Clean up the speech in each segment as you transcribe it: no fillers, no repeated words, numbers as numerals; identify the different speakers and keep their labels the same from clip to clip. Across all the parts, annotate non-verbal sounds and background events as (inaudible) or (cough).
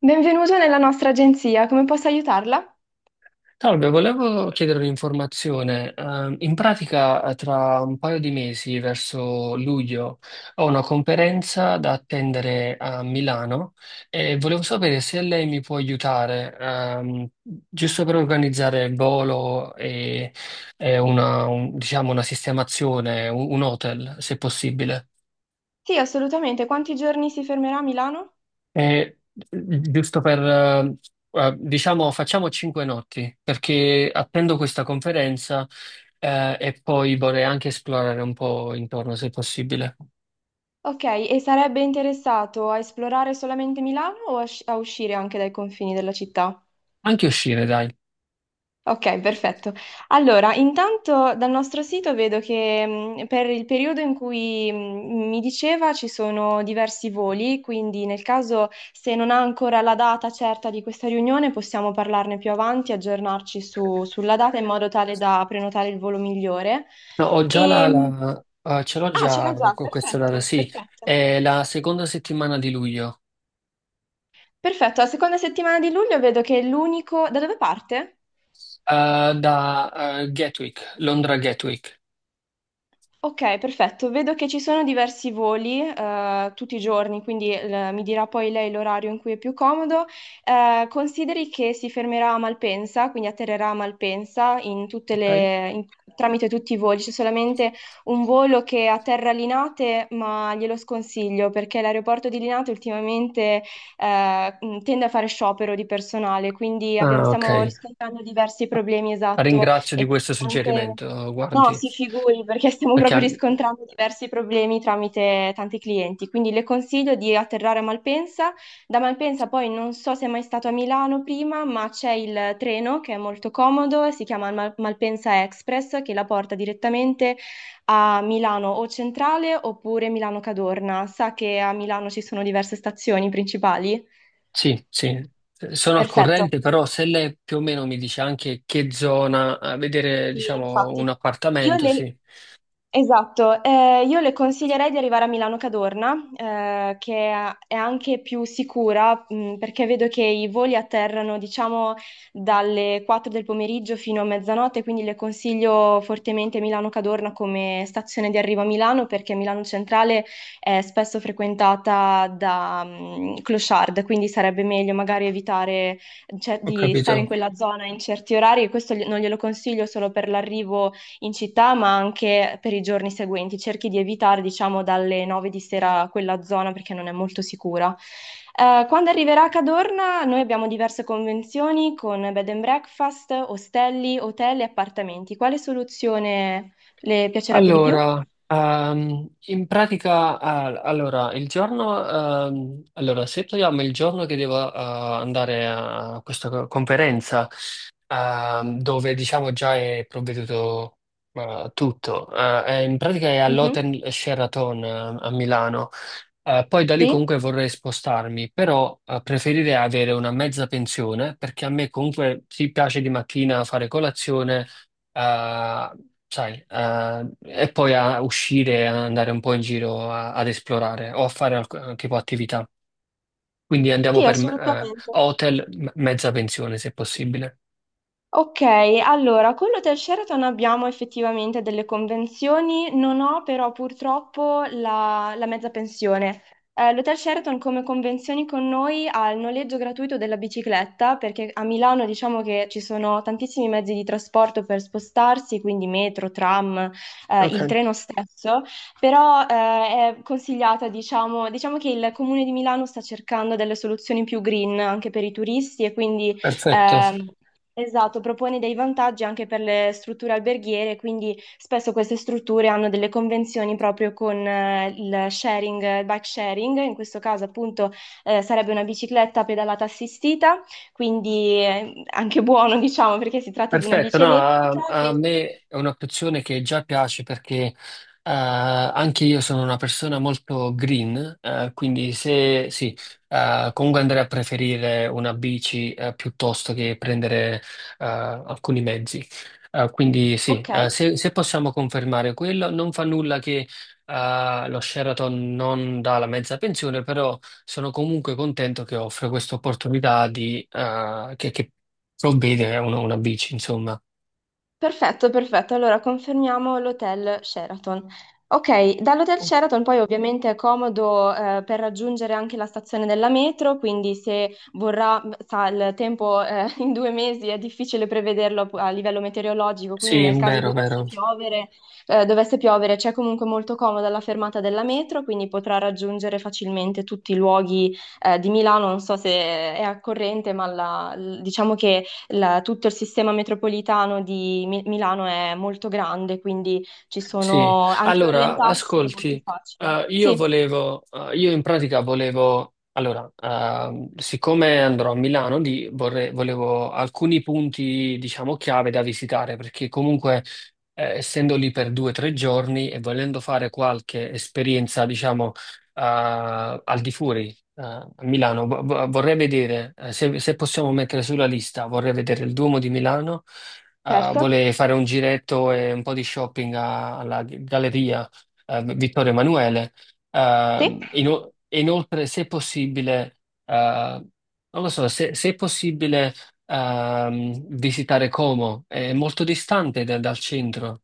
Speaker 1: Benvenuto nella nostra agenzia, come posso aiutarla?
Speaker 2: Salve, volevo chiedere un'informazione. In pratica, tra un paio di mesi, verso luglio, ho una conferenza da attendere a Milano e volevo sapere se lei mi può aiutare, giusto per organizzare il volo e una, diciamo, una sistemazione, un hotel, se possibile.
Speaker 1: Sì, assolutamente. Quanti giorni si fermerà a Milano?
Speaker 2: Giusto per, diciamo, facciamo 5 notti, perché attendo questa conferenza, e poi vorrei anche esplorare un po' intorno, se possibile.
Speaker 1: Ok, e sarebbe interessato a esplorare solamente Milano o a uscire anche dai confini della città?
Speaker 2: Anche uscire, dai.
Speaker 1: Ok, perfetto. Allora, intanto dal nostro sito vedo che per il periodo in cui mi diceva ci sono diversi voli, quindi nel caso se non ha ancora la data certa di questa riunione possiamo parlarne più avanti, aggiornarci sulla data in modo tale da prenotare il volo migliore.
Speaker 2: No, ho già
Speaker 1: E, mh,
Speaker 2: ce l'ho
Speaker 1: ah, ce l'ha
Speaker 2: già
Speaker 1: già,
Speaker 2: con questa data,
Speaker 1: perfetto,
Speaker 2: sì.
Speaker 1: perfetto.
Speaker 2: È la seconda settimana di luglio,
Speaker 1: Perfetto, la seconda settimana di luglio vedo che è l'unico... Da dove parte?
Speaker 2: eh, da, eh, Gatwick, Londra Gatwick,
Speaker 1: Ok, perfetto. Vedo che ci sono diversi voli tutti i giorni, quindi mi dirà poi lei l'orario in cui è più comodo. Consideri che si fermerà a Malpensa, quindi atterrerà a Malpensa in tutte
Speaker 2: ok?
Speaker 1: le- in- tramite tutti i voli. C'è solamente un volo che atterra a Linate, ma glielo sconsiglio perché l'aeroporto di Linate ultimamente tende a fare sciopero di personale, quindi
Speaker 2: Ah, ok.
Speaker 1: stiamo riscontrando diversi problemi, esatto.
Speaker 2: Ringrazio di
Speaker 1: E
Speaker 2: questo
Speaker 1: anche...
Speaker 2: suggerimento,
Speaker 1: No,
Speaker 2: guardi,
Speaker 1: si figuri perché stiamo proprio
Speaker 2: perché...
Speaker 1: riscontrando diversi problemi tramite tanti clienti, quindi le consiglio di atterrare a Malpensa. Da Malpensa poi non so se è mai stato a Milano prima, ma c'è il treno che è molto comodo, si chiama Malpensa Express che la porta direttamente a Milano o Centrale oppure Milano Cadorna. Sa che a Milano ci sono diverse stazioni principali?
Speaker 2: Sì, sì, sono al
Speaker 1: Perfetto,
Speaker 2: corrente, però se lei più o meno mi dice anche che zona, a vedere,
Speaker 1: sì,
Speaker 2: diciamo, un
Speaker 1: infatti. Io
Speaker 2: appartamento,
Speaker 1: le,
Speaker 2: sì,
Speaker 1: Esatto, io le consiglierei di arrivare a Milano Cadorna, che è anche più sicura, perché vedo che i voli atterrano, diciamo, dalle 4 del pomeriggio fino a mezzanotte, quindi le consiglio fortemente Milano Cadorna come stazione di arrivo a Milano, perché Milano Centrale è spesso frequentata da, clochard, quindi sarebbe meglio magari evitare, cioè,
Speaker 2: ho
Speaker 1: di stare in
Speaker 2: capito.
Speaker 1: quella zona in certi orari, e questo non glielo consiglio solo per l'arrivo in città, ma anche per i giorni seguenti. Cerchi di evitare, diciamo, dalle 9 di sera quella zona perché non è molto sicura. Quando arriverà a Cadorna, noi abbiamo diverse convenzioni con bed and breakfast, ostelli, hotel e appartamenti. Quale soluzione le piacerebbe di più?
Speaker 2: Allora, in pratica, ah, allora, il giorno, allora, se togliamo il giorno che devo, andare a questa conferenza, dove diciamo già è provveduto, tutto, in pratica è
Speaker 1: Mhm.
Speaker 2: all'Hotel Sheraton, a Milano. Poi da lì
Speaker 1: Sì?
Speaker 2: comunque vorrei spostarmi, però preferirei avere una mezza pensione perché a me comunque si piace di mattina fare colazione, eh, sai, e poi a uscire, a andare un po' in giro ad esplorare o a fare tipo attività. Quindi andiamo
Speaker 1: Sì,
Speaker 2: per
Speaker 1: assolutamente.
Speaker 2: hotel, mezza pensione se possibile.
Speaker 1: Ok, allora, con l'Hotel Sheraton abbiamo effettivamente delle convenzioni, non ho però purtroppo la mezza pensione. L'Hotel Sheraton come convenzioni con noi ha il noleggio gratuito della bicicletta, perché a Milano diciamo che ci sono tantissimi mezzi di trasporto per spostarsi, quindi metro, tram, il
Speaker 2: Ok.
Speaker 1: treno stesso, però è consigliata, diciamo che il Comune di Milano sta cercando delle soluzioni più green anche per i turisti e quindi...
Speaker 2: Perfetto.
Speaker 1: Ehm, Esatto, propone dei vantaggi anche per le strutture alberghiere, quindi spesso queste strutture hanno delle convenzioni proprio con il sharing, bike sharing, in questo caso appunto sarebbe una bicicletta pedalata assistita, quindi anche buono (laughs) diciamo perché si tratta di una
Speaker 2: Perfetto,
Speaker 1: bici
Speaker 2: no, a,
Speaker 1: elettrica.
Speaker 2: a
Speaker 1: Che-
Speaker 2: me è un'opzione che già piace perché anche io sono una persona molto green, quindi se sì, comunque andrei a preferire una bici piuttosto che prendere alcuni mezzi. Quindi sì,
Speaker 1: Ok.
Speaker 2: se possiamo confermare quello, non fa nulla che lo Sheraton non dà la mezza pensione, però sono comunque contento che offre questa opportunità di, che ho bene, una bici, insomma.
Speaker 1: Perfetto, perfetto. Allora confermiamo l'hotel Sheraton. Ok, dall'hotel
Speaker 2: Ok.
Speaker 1: Sheraton poi ovviamente è comodo per raggiungere anche la stazione della metro, quindi se vorrà, sa, il tempo (laughs) in due mesi è difficile prevederlo a livello meteorologico, quindi
Speaker 2: Sì,
Speaker 1: nel caso
Speaker 2: vero, vero.
Speaker 1: dovesse piovere c'è comunque molto comoda la fermata della metro, quindi potrà raggiungere facilmente tutti i luoghi di Milano. Non so se è a corrente, ma diciamo che tutto il sistema metropolitano di Milano è molto grande, quindi ci
Speaker 2: Sì,
Speaker 1: sono anche
Speaker 2: allora,
Speaker 1: orientarsi è molto
Speaker 2: ascolti,
Speaker 1: facile.
Speaker 2: io
Speaker 1: Sì,
Speaker 2: volevo, io in pratica volevo, allora, siccome andrò a Milano, volevo alcuni punti, diciamo, chiave da visitare, perché comunque, essendo lì per 2 o 3 giorni e volendo fare qualche esperienza, diciamo, al di fuori, a Milano, vorrei vedere, se possiamo mettere sulla lista, vorrei vedere il Duomo di Milano, ah,
Speaker 1: certo.
Speaker 2: vuole fare un giretto e un po' di shopping alla Galleria Vittorio Emanuele.
Speaker 1: Sì?
Speaker 2: E inoltre, se possibile, non lo so, se è possibile visitare Como, è molto distante dal centro,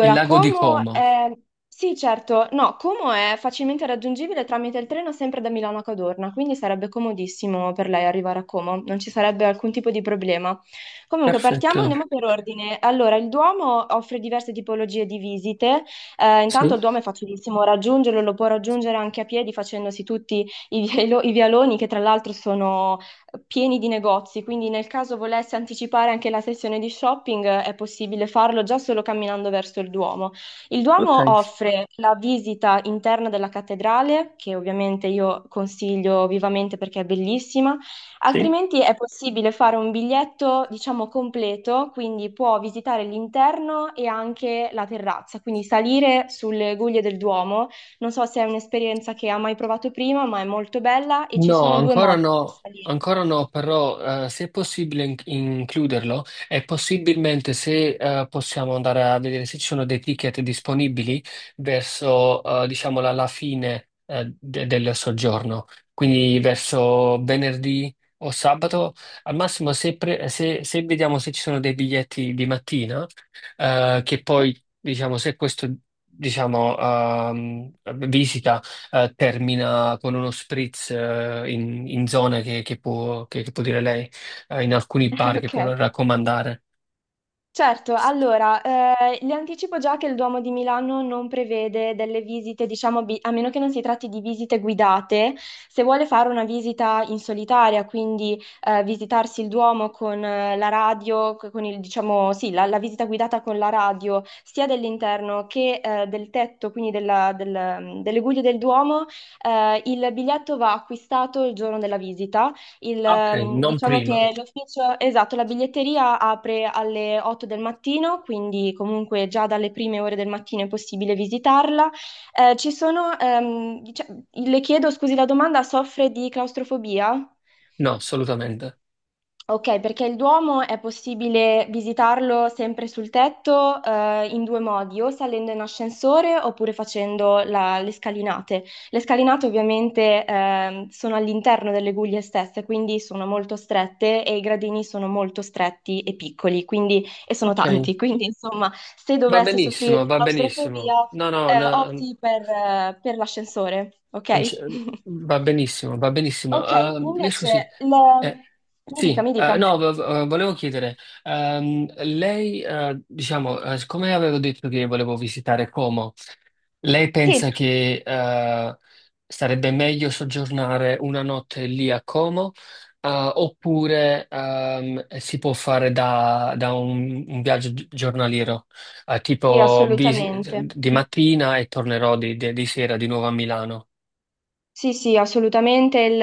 Speaker 2: il lago di
Speaker 1: Como
Speaker 2: Como.
Speaker 1: è... Sì, certo, no, Como è facilmente raggiungibile tramite il treno sempre da Milano a Cadorna, quindi sarebbe comodissimo per lei arrivare a Como, non ci sarebbe alcun tipo di problema. Comunque,
Speaker 2: Perfetto,
Speaker 1: partiamo, andiamo per ordine. Allora, il Duomo offre diverse tipologie di visite. Intanto il
Speaker 2: sì,
Speaker 1: Duomo è facilissimo raggiungerlo, lo può raggiungere anche a piedi facendosi tutti i vialoni, che tra l'altro sono pieni di negozi, quindi nel caso volesse anticipare anche la sessione di shopping è possibile farlo già solo camminando verso il Duomo. Il
Speaker 2: ok,
Speaker 1: Duomo offre la visita interna della cattedrale, che ovviamente io consiglio vivamente perché è bellissima,
Speaker 2: sì.
Speaker 1: altrimenti è possibile fare un biglietto, diciamo, completo, quindi può visitare l'interno e anche la terrazza, quindi salire sulle guglie del Duomo. Non so se è un'esperienza che ha mai provato prima, ma è molto bella e ci
Speaker 2: No,
Speaker 1: sono due
Speaker 2: ancora
Speaker 1: modi per
Speaker 2: no,
Speaker 1: salire.
Speaker 2: ancora no, però se è possibile includerlo e possibilmente se possiamo andare a vedere se ci sono dei ticket disponibili verso, diciamo, la fine del soggiorno, quindi verso venerdì o sabato, al massimo se vediamo se ci sono dei biglietti di mattina, che poi,
Speaker 1: (laughs)
Speaker 2: diciamo, se questo, diciamo, visita termina con uno spritz in zone che può, che può dire lei, in alcuni bar che
Speaker 1: Ok,
Speaker 2: può raccomandare.
Speaker 1: certo. Allora, le anticipo già che il Duomo di Milano non prevede delle visite, diciamo, a meno che non si tratti di visite guidate. Se vuole fare una visita in solitaria, quindi visitarsi il Duomo con la radio, con il, diciamo, sì, la, la visita guidata con la radio, sia dell'interno che del tetto, quindi delle guglie del Duomo, il biglietto va acquistato il giorno della visita. Il,
Speaker 2: Ok, non
Speaker 1: diciamo
Speaker 2: prima,
Speaker 1: che l'ufficio, esatto, la biglietteria apre alle 8 del mattino, quindi comunque già dalle prime ore del mattino è possibile visitarla. Le chiedo, scusi la domanda, soffre di claustrofobia?
Speaker 2: no, assolutamente.
Speaker 1: Ok, perché il Duomo è possibile visitarlo sempre sul tetto, in due modi, o salendo in ascensore oppure facendo le scalinate. Le scalinate ovviamente sono all'interno delle guglie stesse, quindi sono molto strette e i gradini sono molto stretti e piccoli, quindi, e sono
Speaker 2: Ok,
Speaker 1: tanti. (laughs) Quindi insomma, se
Speaker 2: va
Speaker 1: dovesse soffrire
Speaker 2: benissimo,
Speaker 1: di
Speaker 2: va
Speaker 1: claustrofobia,
Speaker 2: benissimo. No, no,
Speaker 1: eh,
Speaker 2: no,
Speaker 1: opti per, eh, per l'ascensore,
Speaker 2: non c'è-
Speaker 1: ok? (laughs)
Speaker 2: va benissimo, va benissimo.
Speaker 1: Ok,
Speaker 2: Mi scusi,
Speaker 1: invece, le-
Speaker 2: eh,
Speaker 1: mi dica,
Speaker 2: sì,
Speaker 1: mi dica.
Speaker 2: no, vo- vo- volevo chiedere, lei, diciamo, siccome avevo detto che volevo visitare Como, lei
Speaker 1: Sì,
Speaker 2: pensa che sarebbe meglio soggiornare una notte lì a Como, oppure si può fare da un viaggio giornaliero,
Speaker 1: sì,
Speaker 2: tipo
Speaker 1: assolutamente.
Speaker 2: di
Speaker 1: Mm.
Speaker 2: mattina e tornerò di sera di nuovo a Milano.
Speaker 1: Sì, sì, assolutamente.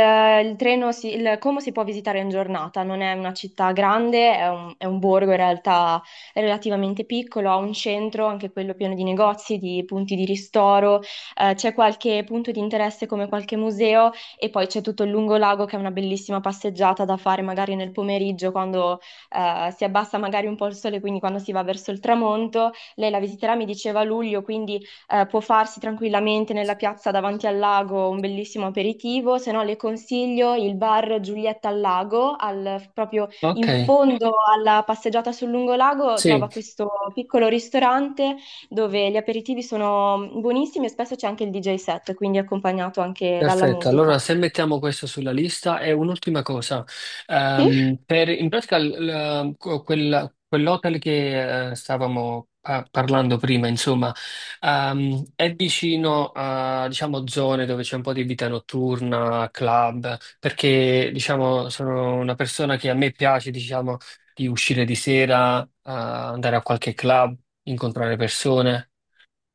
Speaker 1: Il treno, si, il Como si può visitare in giornata, non è una città grande, è un borgo in realtà relativamente piccolo, ha un centro, anche quello pieno di negozi, di punti di ristoro, c'è qualche punto di interesse come qualche museo e poi c'è tutto il lungolago che è una bellissima passeggiata da fare magari nel pomeriggio quando si abbassa magari un po' il sole, quindi quando si va verso il tramonto. Lei la visiterà, mi diceva a luglio, quindi può farsi tranquillamente nella piazza davanti al lago un bellissimo aperitivo, se no le consiglio il bar Giulietta al Lago, proprio
Speaker 2: Ok,
Speaker 1: in fondo alla passeggiata sul lungolago
Speaker 2: sì.
Speaker 1: trova questo piccolo ristorante dove gli aperitivi sono buonissimi e spesso c'è anche il DJ set, quindi accompagnato anche dalla
Speaker 2: Perfetto,
Speaker 1: musica.
Speaker 2: allora se mettiamo questo sulla lista e un'ultima cosa, in pratica quell'hotel che stavamo parlando prima, insomma, è vicino a, diciamo, zone dove c'è un po' di vita notturna, club, perché diciamo, sono una persona che a me piace, diciamo, di uscire di sera, andare a qualche club, incontrare persone.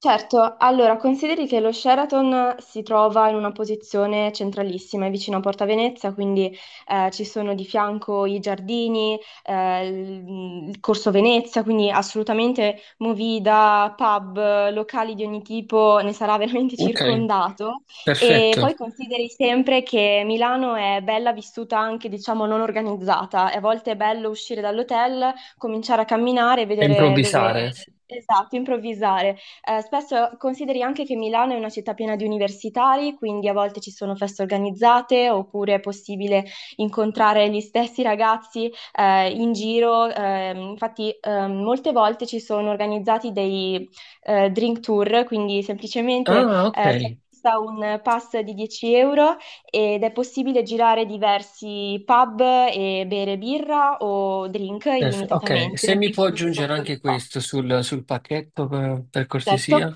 Speaker 1: Certo, allora consideri che lo Sheraton si trova in una posizione centralissima, è vicino a Porta Venezia, quindi ci sono di fianco i giardini, il Corso Venezia, quindi assolutamente movida, pub, locali di ogni tipo, ne sarà (laughs) veramente
Speaker 2: Ok,
Speaker 1: circondato. E
Speaker 2: perfetto.
Speaker 1: poi consideri sempre che Milano è bella vissuta anche, diciamo, non organizzata. A volte è bello uscire dall'hotel, cominciare a camminare e
Speaker 2: E
Speaker 1: vedere dove...
Speaker 2: improvvisare.
Speaker 1: Esatto, improvvisare. Spesso consideri anche che Milano è una città piena di universitari, quindi a volte ci sono feste organizzate oppure è possibile incontrare gli stessi ragazzi in giro. Molte volte ci sono organizzati dei drink tour, quindi semplicemente
Speaker 2: Ah, ok.
Speaker 1: si acquista un pass di 10 € ed è possibile girare diversi pub e bere birra o drink
Speaker 2: Ok, se
Speaker 1: illimitatamente
Speaker 2: mi
Speaker 1: finché
Speaker 2: può
Speaker 1: non si
Speaker 2: aggiungere
Speaker 1: conclude il
Speaker 2: anche
Speaker 1: pass.
Speaker 2: questo sul pacchetto per
Speaker 1: Certo.
Speaker 2: cortesia.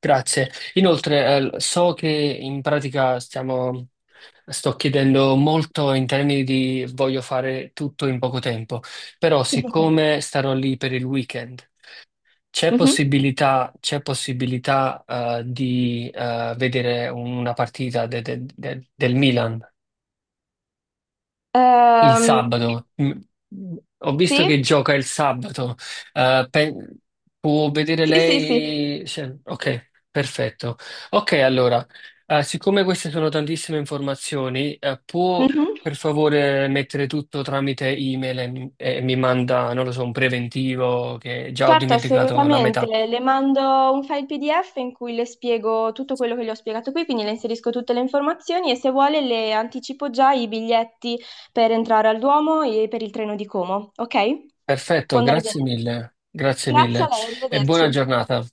Speaker 2: Grazie. Inoltre, so che in pratica sto chiedendo molto in termini di voglio fare tutto in poco tempo, però
Speaker 1: (laughs)
Speaker 2: siccome starò lì per il weekend,
Speaker 1: Mhm.
Speaker 2: c'è possibilità, di vedere una partita del Milan? Il
Speaker 1: Ehm,
Speaker 2: sabato. Ho visto che
Speaker 1: sì,
Speaker 2: gioca il sabato. Eh, pe- Può vedere
Speaker 1: sì, sì, sì.
Speaker 2: lei? Cioè, ok, perfetto. Ok, allora, siccome queste sono tantissime informazioni, può
Speaker 1: Mhm.
Speaker 2: per favore mettere tutto tramite email e mi manda, non lo so, un preventivo che già ho
Speaker 1: Certo,
Speaker 2: dimenticato la
Speaker 1: assolutamente.
Speaker 2: metà.
Speaker 1: Le mando un file PDF in cui le spiego tutto quello che le ho spiegato qui, quindi le inserisco tutte le informazioni e se vuole le anticipo già i biglietti per entrare al Duomo e per il treno di Como, ok?
Speaker 2: Perfetto,
Speaker 1: Può andare bene?
Speaker 2: grazie mille. Grazie
Speaker 1: Grazie
Speaker 2: mille
Speaker 1: a lei,
Speaker 2: e
Speaker 1: arrivederci.
Speaker 2: buona giornata.